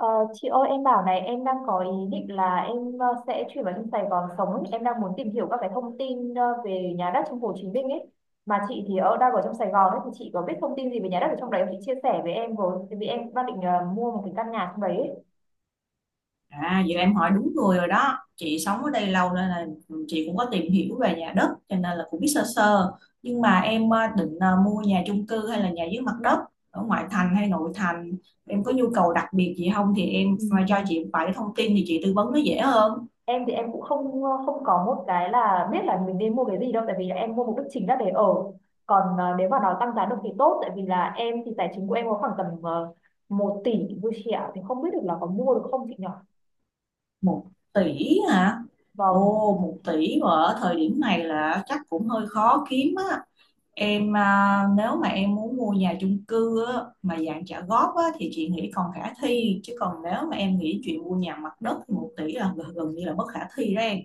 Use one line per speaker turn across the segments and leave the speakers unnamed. Ờ, chị ơi, em bảo này, em đang có ý định là em sẽ chuyển vào trong Sài Gòn sống ấy. Em đang muốn tìm hiểu các cái thông tin về nhà đất trong Hồ Chí Minh ấy, mà chị thì ở, đang ở trong Sài Gòn ấy, thì chị có biết thông tin gì về nhà đất ở trong đấy không, chị chia sẻ với em với, tại vì em đang định mua một cái căn nhà trong đấy ấy.
À, vậy là em hỏi đúng người rồi đó. Chị sống ở đây lâu nên là chị cũng có tìm hiểu về nhà đất cho nên là cũng biết sơ sơ. Nhưng mà em định mua nhà chung cư hay là nhà dưới mặt đất, ở ngoại thành hay nội thành? Em có nhu cầu đặc biệt gì không thì em mà cho
Ừm,
chị vài thông tin thì chị tư vấn nó dễ hơn.
em thì em cũng không có một cái là biết là mình nên mua cái gì đâu, tại vì là em mua mục đích chính là để ở, còn nếu mà nó tăng giá được thì tốt, tại vì là em thì tài chính của em có khoảng tầm một tỷ vui chị ạ, thì không biết được là có mua được không chị nhỉ?
Một tỷ hả?
Vâng.
Ồ, một tỷ mà ở thời điểm này là chắc cũng hơi khó kiếm á. Em nếu mà em muốn mua nhà chung cư á, mà dạng trả góp á, thì chị nghĩ còn khả thi, chứ còn nếu mà em nghĩ chuyện mua nhà mặt đất thì một tỷ là gần gần như là bất khả thi đó em.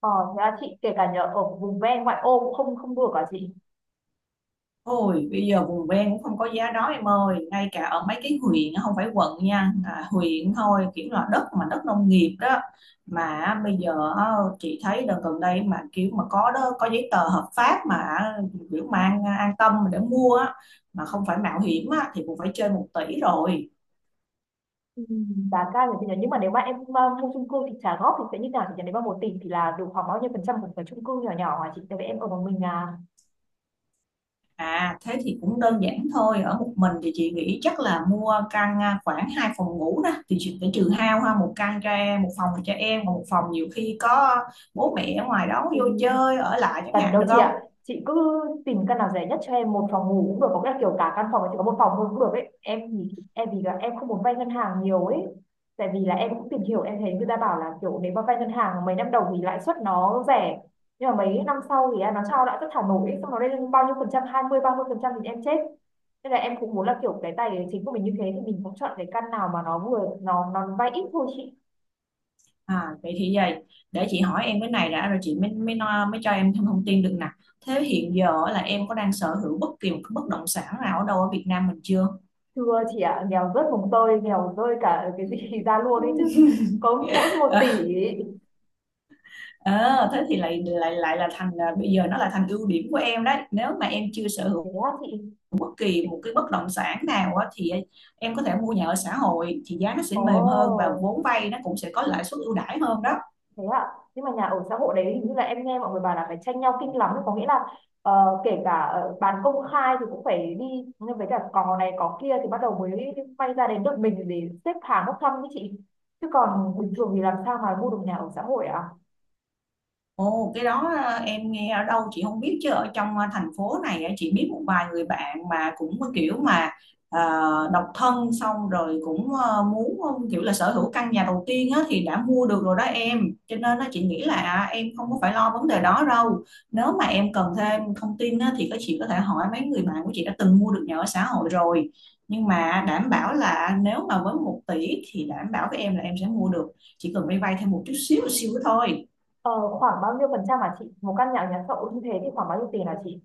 ờ, Thế là chị, kể cả nhờ ở vùng ven ngoại ô cũng không, không đùa cả chị?
Ôi, bây giờ vùng ven cũng không có giá đó em ơi, ngay cả ở mấy cái huyện á, không phải quận nha, huyện thôi, kiểu là đất, mà đất nông nghiệp đó, mà á, bây giờ á, chị thấy đợt gần đây mà kiểu mà có đó, có giấy tờ hợp pháp mà á, kiểu mang an tâm để mua á, mà không phải mạo hiểm á, thì cũng phải trên một tỷ rồi.
Ừ. Giá cao thì nhờ, nhưng mà nếu mà em mua chung cư thì trả góp thì sẽ như nào thì nhờ, nếu mà 1 tỷ thì là được khoảng bao nhiêu phần trăm một cái chung cư nhỏ nhỏ hả chị, tại vì em ở một mình à?
À, thế thì cũng đơn giản thôi. Ở một mình thì chị nghĩ chắc là mua căn khoảng 2 phòng ngủ đó. Thì chị phải trừ hao ha, một căn cho em, một phòng cho em, còn một phòng nhiều khi có bố mẹ ở ngoài đó
Ừ.
vô chơi, ở lại chẳng
Cần
hạn,
đâu
được
chị
không?
ạ, chị cứ tìm căn nào rẻ nhất cho em, một phòng ngủ cũng được, có nghĩa là kiểu cả căn phòng ấy chỉ có một phòng thôi cũng được ấy em, thì em vì là em không muốn vay ngân hàng nhiều ấy, tại vì là em cũng tìm hiểu, em thấy người ta bảo là kiểu nếu mà vay ngân hàng mấy năm đầu thì lãi suất nó rẻ, nhưng mà mấy năm sau thì nó cho lãi suất thả nổi ấy, xong nó lên bao nhiêu phần trăm, 20, 30% thì em chết, nên là em cũng muốn là kiểu cái tài chính của mình như thế thì mình cũng chọn cái căn nào mà nó vừa, nó vay ít thôi chị.
À, vậy thì vậy, để chị hỏi em cái này đã rồi chị mới mới nói- mới cho em thêm thông tin được nè. Thế hiện giờ là em có đang sở hữu bất kỳ một cái bất động sản nào ở đâu ở Việt Nam mình chưa?
Thưa chị ạ, nghèo rớt mồng tơi, nghèo rơi cả cái gì ra luôn ấy chứ. Có mỗi một
Ờ,
tỷ.
ờ, thế thì lại lại lại là thành bây giờ nó là thành ưu điểm của em đấy. Nếu mà em chưa sở hữu
Thế á chị?
bất kỳ một cái bất động sản nào á, thì em có thể mua nhà ở xã hội, thì giá nó sẽ
Ồ,
mềm hơn và vốn vay nó cũng sẽ có lãi suất ưu đãi hơn đó.
thế ạ. Nhưng mà nhà ở xã hội đấy hình như là em nghe mọi người bảo là phải tranh nhau kinh lắm. Có nghĩa là kể cả bán công khai thì cũng phải đi, nhưng với cả cò này cò kia thì bắt đầu mới quay ra đến được mình để xếp hàng bốc thăm với chị. Chứ còn bình thường thì làm sao mà mua được nhà ở xã hội ạ?
Ồ, cái đó em nghe ở đâu chị không biết, chứ ở trong thành phố này á, chị biết một vài người bạn mà cũng có kiểu mà ờ, độc thân xong rồi cũng muốn kiểu là sở hữu căn nhà đầu tiên á, thì đã mua được rồi đó em. Cho nên á, chị nghĩ là em không có phải lo vấn đề đó đâu. Nếu mà em cần thêm thông tin á, thì các chị có thể hỏi mấy người bạn của chị đã từng mua được nhà ở xã hội rồi, nhưng mà đảm bảo là nếu mà với một tỷ thì đảm bảo với em là em sẽ mua được, chỉ cần vay vay thêm một chút xíu xíu thôi.
Ờ, Khoảng bao nhiêu phần trăm hả chị? Một căn nhà ở nhà xã hội như thế thì khoảng bao nhiêu tiền hả chị?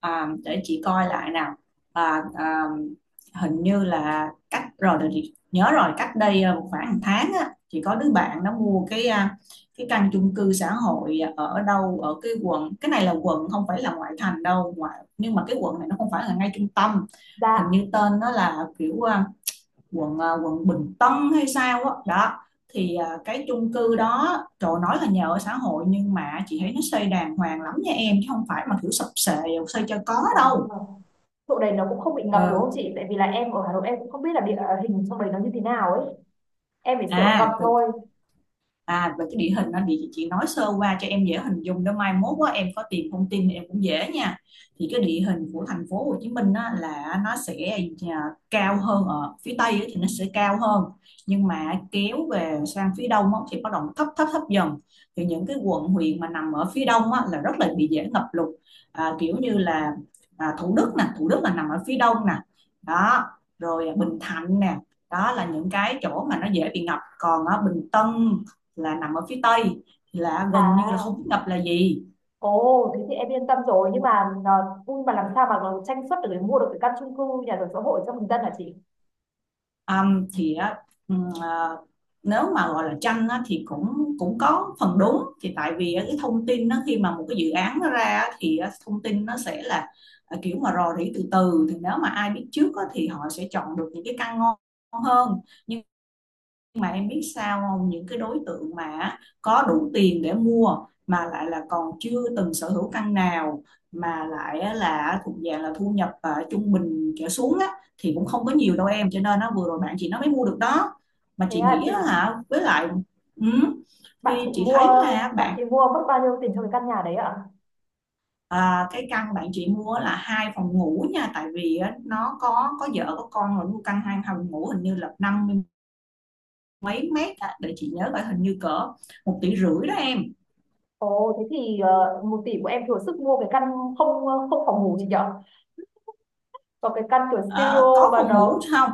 À, để chị coi lại nào. à, à, Hình như là cách rồi, để chị nhớ rồi, cách đây một khoảng 1 tháng á, chị có đứa bạn nó mua cái căn chung cư xã hội ở đâu ở cái quận, cái này là quận, không phải là ngoại thành đâu, ngoại nhưng mà cái quận này nó không phải là ngay trung tâm. Hình
Dạ.
như tên nó là kiểu quận quận Bình Tân hay sao á đó. Đó, thì cái chung cư đó, trời, nói là nhà ở xã hội nhưng mà chị thấy nó xây đàng hoàng lắm nha em, chứ không phải mà kiểu sập xệ, xây cho có
Ờ.
đâu.
Chỗ đấy nó cũng không bị ngập
Ờ.
đúng không chị? Tại vì là em ở Hà Nội em cũng không biết là địa hình trong đấy nó như thế nào ấy. Em chỉ sợ
À
ngập
rồi.
thôi.
À, về cái địa hình anh thì chị nói sơ qua cho em dễ hình dung đó, mai mốt quá em có tìm thông tin thì em cũng dễ nha. Thì cái địa hình của thành phố Hồ Chí Minh á, là nó sẽ à, cao hơn ở phía Tây á, thì nó sẽ cao hơn, nhưng mà kéo về sang phía Đông á, thì bắt đầu thấp thấp thấp dần. Thì những cái quận huyện mà nằm ở phía Đông á, là rất là bị dễ ngập lụt, kiểu như là Thủ Đức nè, Thủ Đức là nằm ở phía Đông nè, đó, rồi Bình Thạnh nè, đó là những cái chỗ mà nó dễ bị ngập. Còn ở Bình Tân là nằm ở phía tây thì là gần như là không
À,
biết ngập là gì.
ồ, thế thì em yên tâm rồi. Nhưng mà nó, nhưng mà làm sao mà nó tranh suất được để mua được cái căn chung cư nhà ở xã hội cho bình dân hả chị?
Thì á, à, nếu mà gọi là tranh á, thì cũng cũng có phần đúng, thì tại vì cái thông tin nó, khi mà một cái dự án nó ra thì thông tin nó sẽ là kiểu mà rò rỉ từ từ, thì nếu mà ai biết trước á, thì họ sẽ chọn được những cái căn ngon hơn. Nhưng mà em biết sao không, những cái đối tượng mà có đủ tiền để mua, mà lại là còn chưa từng sở hữu căn nào, mà lại là thuộc dạng là thu nhập trung bình trở xuống á, thì cũng không có nhiều đâu em, cho nên nó vừa rồi bạn chị nó mới mua được đó, mà
Thế
chị
là
nghĩ
chị,
á hả, với lại ừ,
bạn
thì
chị
chị
mua,
thấy là
bạn
bạn
chị mua mất bao nhiêu tiền cho cái căn nhà đấy ạ?
cái căn bạn chị mua là hai phòng ngủ nha, tại vì á, nó có vợ có con rồi, mua căn 2 phòng ngủ hình như là 50 mấy mét á, để chị nhớ, phải hình như cỡ 1,5 tỷ đó em.
Ồ, thế thì 1 tỷ của em thừa sức mua cái căn không, không phòng ngủ gì nhở? Còn cái căn kiểu
Ờ,
studio
có
mà
phòng ngủ
nó
không,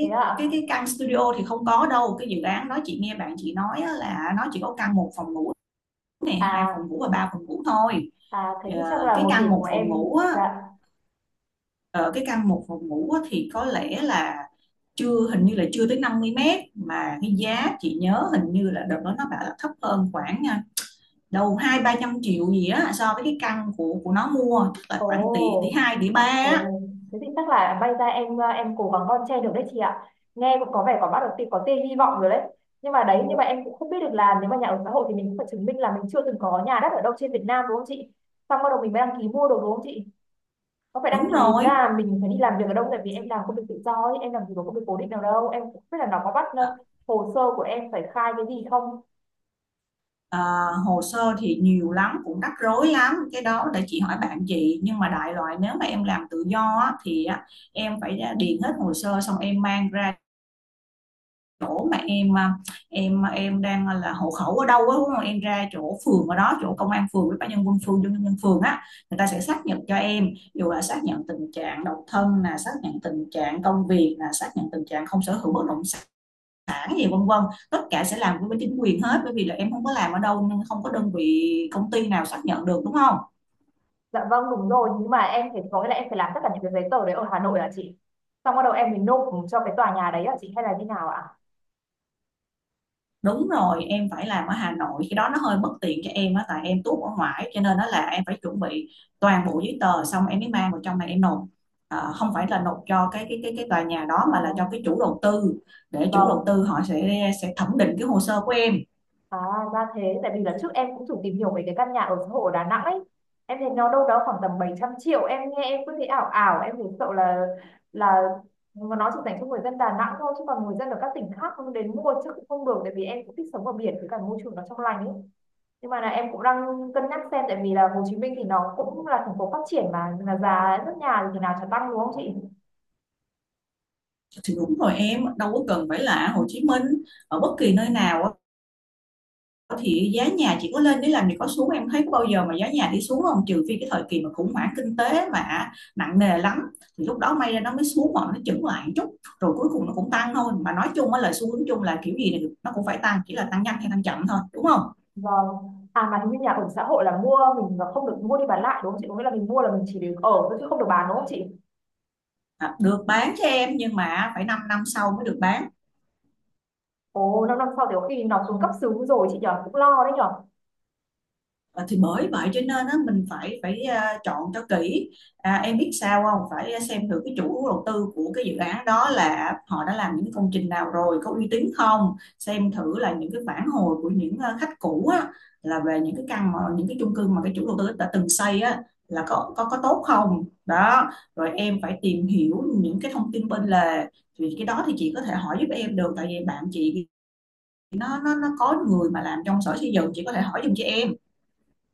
thế ạ?
cái căn studio thì không có đâu, cái dự án đó chị nghe bạn chị nói á là nó chỉ có căn 1 phòng ngủ này, hai phòng
À,
ngủ và 3 phòng ngủ thôi.
à, thế thì chắc
Ờ,
là
cái
1 tỷ
căn
của
một
em
phòng ngủ á,
dạ.
thì có lẽ là chưa, hình như là chưa tới 50 mét, mà cái giá chị nhớ hình như là đợt đó nó bảo là thấp hơn khoảng đâu 2-3 trăm triệu gì á, so với cái căn của nó mua, tức là
Ồ,
khoảng tỷ, tỷ hai, tỷ ba á.
ồ, thế thì chắc là bay ra, em em cố gắng bon chen được đấy chị ạ. Nghe cũng có vẻ có bắt đầu có tia hy vọng rồi đấy. Nhưng mà đấy, nhưng mà em cũng không biết được là nếu mà nhà ở xã hội thì mình cũng phải chứng minh là mình chưa từng có nhà đất ở đâu trên Việt Nam đúng không chị? Xong bắt đầu mình mới đăng ký mua đồ đúng không chị? Có phải đăng
Đúng
ký
rồi.
là mình phải đi làm việc ở đâu, tại vì em làm công việc tự do ấy, em làm gì có công việc cố định nào đâu. Em cũng không biết là nó có bắt
Ờ,
hồ sơ của em phải khai cái gì không.
Ờ, hồ sơ thì nhiều lắm, cũng rắc rối lắm, cái đó để chị hỏi bạn chị, nhưng mà đại loại nếu mà em làm tự do á, thì á, em phải điền hết hồ sơ xong em mang ra chỗ mà em đang là hộ khẩu ở đâu á đúng không, em ra chỗ phường ở đó, chỗ công an phường với ban nhân quân phường, dân nhân dân phường á, người ta sẽ xác nhận cho em, dù là xác nhận tình trạng độc thân, là xác nhận tình trạng công việc, là xác nhận tình trạng không sở hữu bất động sản sản gì vân vân, tất cả sẽ làm với bên chính quyền hết, bởi vì là em không có làm ở đâu nên không có đơn vị công ty nào xác nhận được, đúng không.
Dạ vâng, đúng rồi, nhưng mà em phải, có nghĩa là em phải làm tất cả những cái giấy tờ đấy ở Hà Nội hả chị? Xong bắt đầu em mới nộp cho cái tòa nhà đấy hả chị, hay là như nào ạ?
Đúng rồi, em phải làm ở Hà Nội, cái đó nó hơi bất tiện cho em á, tại em tuốt ở ngoài, cho nên đó là em phải chuẩn bị toàn bộ giấy tờ xong em mới mang vào trong này em nộp. Ờ, không phải là nộp cho cái tòa nhà đó,
À
mà là cho cái chủ đầu tư, để chủ đầu
vâng,
tư họ sẽ thẩm định cái hồ sơ của em.
à ra thế, tại vì là trước em cũng thử tìm hiểu về cái căn nhà ở xã hội ở Đà Nẵng ấy. Em thấy nó đâu đó khoảng tầm 700 triệu, em nghe em cứ thấy ảo ảo, em thấy sợ là là mà nó chỉ dành cho người dân Đà Nẵng thôi, chứ còn người dân ở các tỉnh khác không đến mua chứ cũng không được, tại vì em cũng thích sống ở biển với cả môi trường nó trong lành ấy, nhưng mà là em cũng đang cân nhắc xem, tại vì là Hồ Chí Minh thì nó cũng là thành phố phát triển, mà là giá nước nhà thì thế nào chả tăng đúng không chị?
Thì đúng rồi, em đâu có cần phải là ở Hồ Chí Minh, ở bất kỳ nơi nào á, thì giá nhà chỉ có lên để làm gì có xuống, em thấy có bao giờ mà giá nhà đi xuống không, trừ phi cái thời kỳ mà khủng hoảng kinh tế mà nặng nề lắm, thì lúc đó may ra nó mới xuống, hoặc nó chững lại một chút, rồi cuối cùng nó cũng tăng thôi, mà nói chung á, lời xu hướng chung là kiểu gì thì nó cũng phải tăng, chỉ là tăng nhanh hay tăng chậm thôi, đúng không.
Vâng. À, mà hình như nhà ở xã hội là mua mình là không được mua đi bán lại đúng không chị, có nghĩa là mình mua là mình chỉ được ở thôi chứ không được bán đúng không chị?
À, được bán cho em, nhưng mà phải 5 năm sau mới được bán.
Ồ, 5 năm sau thì có khi nó xuống cấp xứ rồi chị nhở, cũng lo đấy nhở.
Ờ, thì bởi vậy cho nên á, mình phải phải à, chọn cho kỹ. À, em biết sao không, phải xem thử cái chủ đầu tư của cái dự án đó là họ đã làm những cái công trình nào rồi, có uy tín không, xem thử là những cái phản hồi của những khách cũ á, là về những cái căn mà những cái chung cư mà cái chủ đầu tư đã từng xây á là có tốt không đó. Rồi em phải tìm hiểu những cái thông tin bên lề thì cái đó Thì chị có thể hỏi giúp em được, tại vì bạn chị nó có người mà làm trong sở xây dựng, chị có thể hỏi giùm cho em.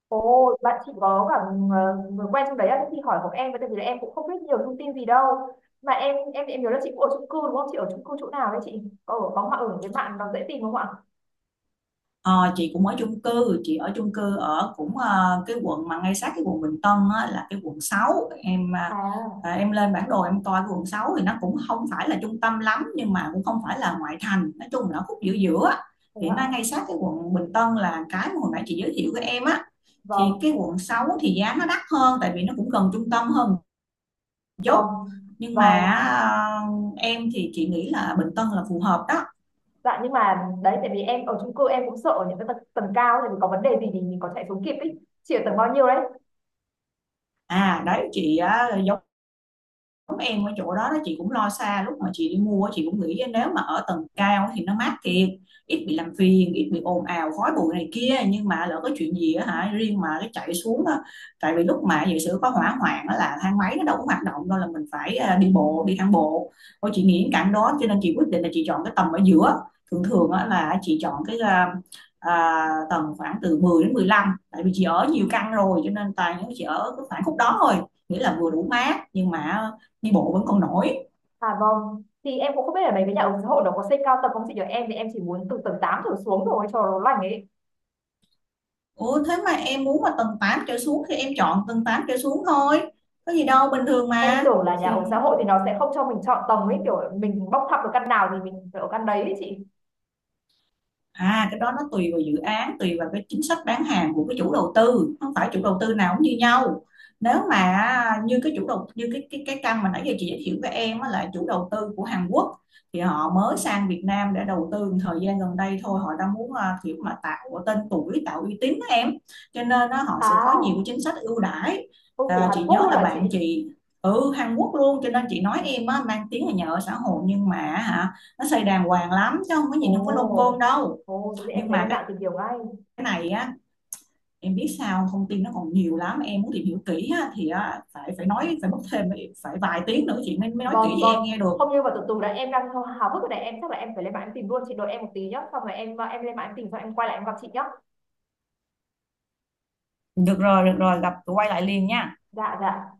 Ồ, bạn chị có cả người quen trong đấy á, thế thì hỏi của em với, tại vì là em cũng không biết nhiều thông tin gì đâu, mà em nhớ là chị cũng ở chung cư đúng không, chị ở chung cư chỗ nào đấy, chị có ở, có mà ở với bạn nó dễ tìm không ạ?
Ờ, chị cũng ở chung cư, chị ở chung cư ở cũng cái quận mà ngay sát cái quận Bình Tân á, là cái quận sáu. Em
À,
em lên bản đồ em coi cái quận 6 thì nó cũng không phải là trung tâm lắm, nhưng mà cũng không phải là ngoại thành, nói chung là nó khúc giữa giữa. Á.
thế
Thì nó
ạ.
ngay sát cái quận Bình Tân là cái mà hồi nãy chị giới thiệu với em á. Thì
Vâng.
cái quận 6 thì giá nó đắt hơn, tại vì nó cũng gần trung tâm hơn một chút.
Vâng,
Nhưng mà
vâng.
em thì chị nghĩ là Bình Tân là phù hợp đó.
Dạ, nhưng mà đấy tại vì em ở chung cư em cũng sợ những cái tầng cao, tại vì có vấn đề gì thì mình có chạy xuống kịp ấy. Chị ở tầng bao nhiêu đấy?
À đấy chị á, em ở chỗ đó đó, chị cũng lo xa, lúc mà chị đi mua chị cũng nghĩ nếu mà ở tầng cao thì nó mát thiệt, ít bị làm phiền, ít bị ồn ào khói bụi này kia, nhưng mà lỡ có chuyện gì á, hả riêng mà cái chạy xuống á, tại vì lúc mà giả sử có hỏa hoạn á là thang máy nó đâu có hoạt động đâu, là mình phải đi bộ, đi thang bộ thôi. Chị nghĩ cảnh đó cho nên chị quyết định là chị chọn cái tầng ở giữa. Thường thường á là chị chọn cái tầng khoảng từ 10 đến 15, tại vì chị ở nhiều căn rồi cho nên toàn những chị ở cái khoảng khúc đó thôi, nghĩa là vừa đủ mát nhưng mà đi bộ vẫn còn nổi.
À vâng. Thì em cũng không biết ở đấy với nhà ở xã hội nó có xây cao tầng không chị nhỉ? Em thì em chỉ muốn từ tầng 8 trở xuống rồi cho nó lành ấy.
Ủa thế mà em muốn mà tầng 8 trở xuống thì em chọn tầng 8 trở xuống thôi, có gì đâu, bình thường
Em
mà.
tưởng là nhà
Thì
ở xã hội thì nó sẽ không cho mình chọn tầng ấy, kiểu mình bóc thăm được căn nào thì mình phải ở căn đấy ấy chị.
à, cái đó nó tùy vào dự án, tùy vào cái chính sách bán hàng của cái chủ đầu tư, không phải chủ đầu tư nào cũng như nhau. Nếu mà như cái cái căn mà nãy giờ chị giới thiệu với em á là chủ đầu tư của Hàn Quốc, thì họ mới sang Việt Nam để đầu tư một thời gian gần đây thôi, họ đang muốn kiểu mà tạo tên tuổi, tạo uy tín á em. Cho nên á, họ sẽ có nhiều cái
À,
chính sách ưu đãi.
ô, của
À,
Hàn
chị
Quốc
nhớ
luôn
là
hả chị?
bạn chị ừ Hàn Quốc luôn, cho nên chị nói em á, mang tiếng là nhà ở xã hội nhưng mà hả nó xây đàng hoàng lắm chứ không có nhìn không có lông côn
Ồ.
đâu.
Ồ, thế thì em
Nhưng
phải
mà
lên
cái
mạng tìm hiểu ngay.
này á em biết sao, thông tin nó còn nhiều lắm, em muốn tìm hiểu kỹ á thì á, phải phải nói phải mất thêm phải vài tiếng nữa chị mới mới nói kỹ
Vâng,
cho
vâng.
em nghe được.
Không, như mà từ từ đã, em đang hào hào hức rồi này, em chắc là em phải lên mạng em tìm luôn, chị đợi em một tí nhá. Xong rồi em lên mạng em tìm xong em quay lại em gặp chị nhá.
Được rồi, gặp quay lại liền nha.
Dạ dạ.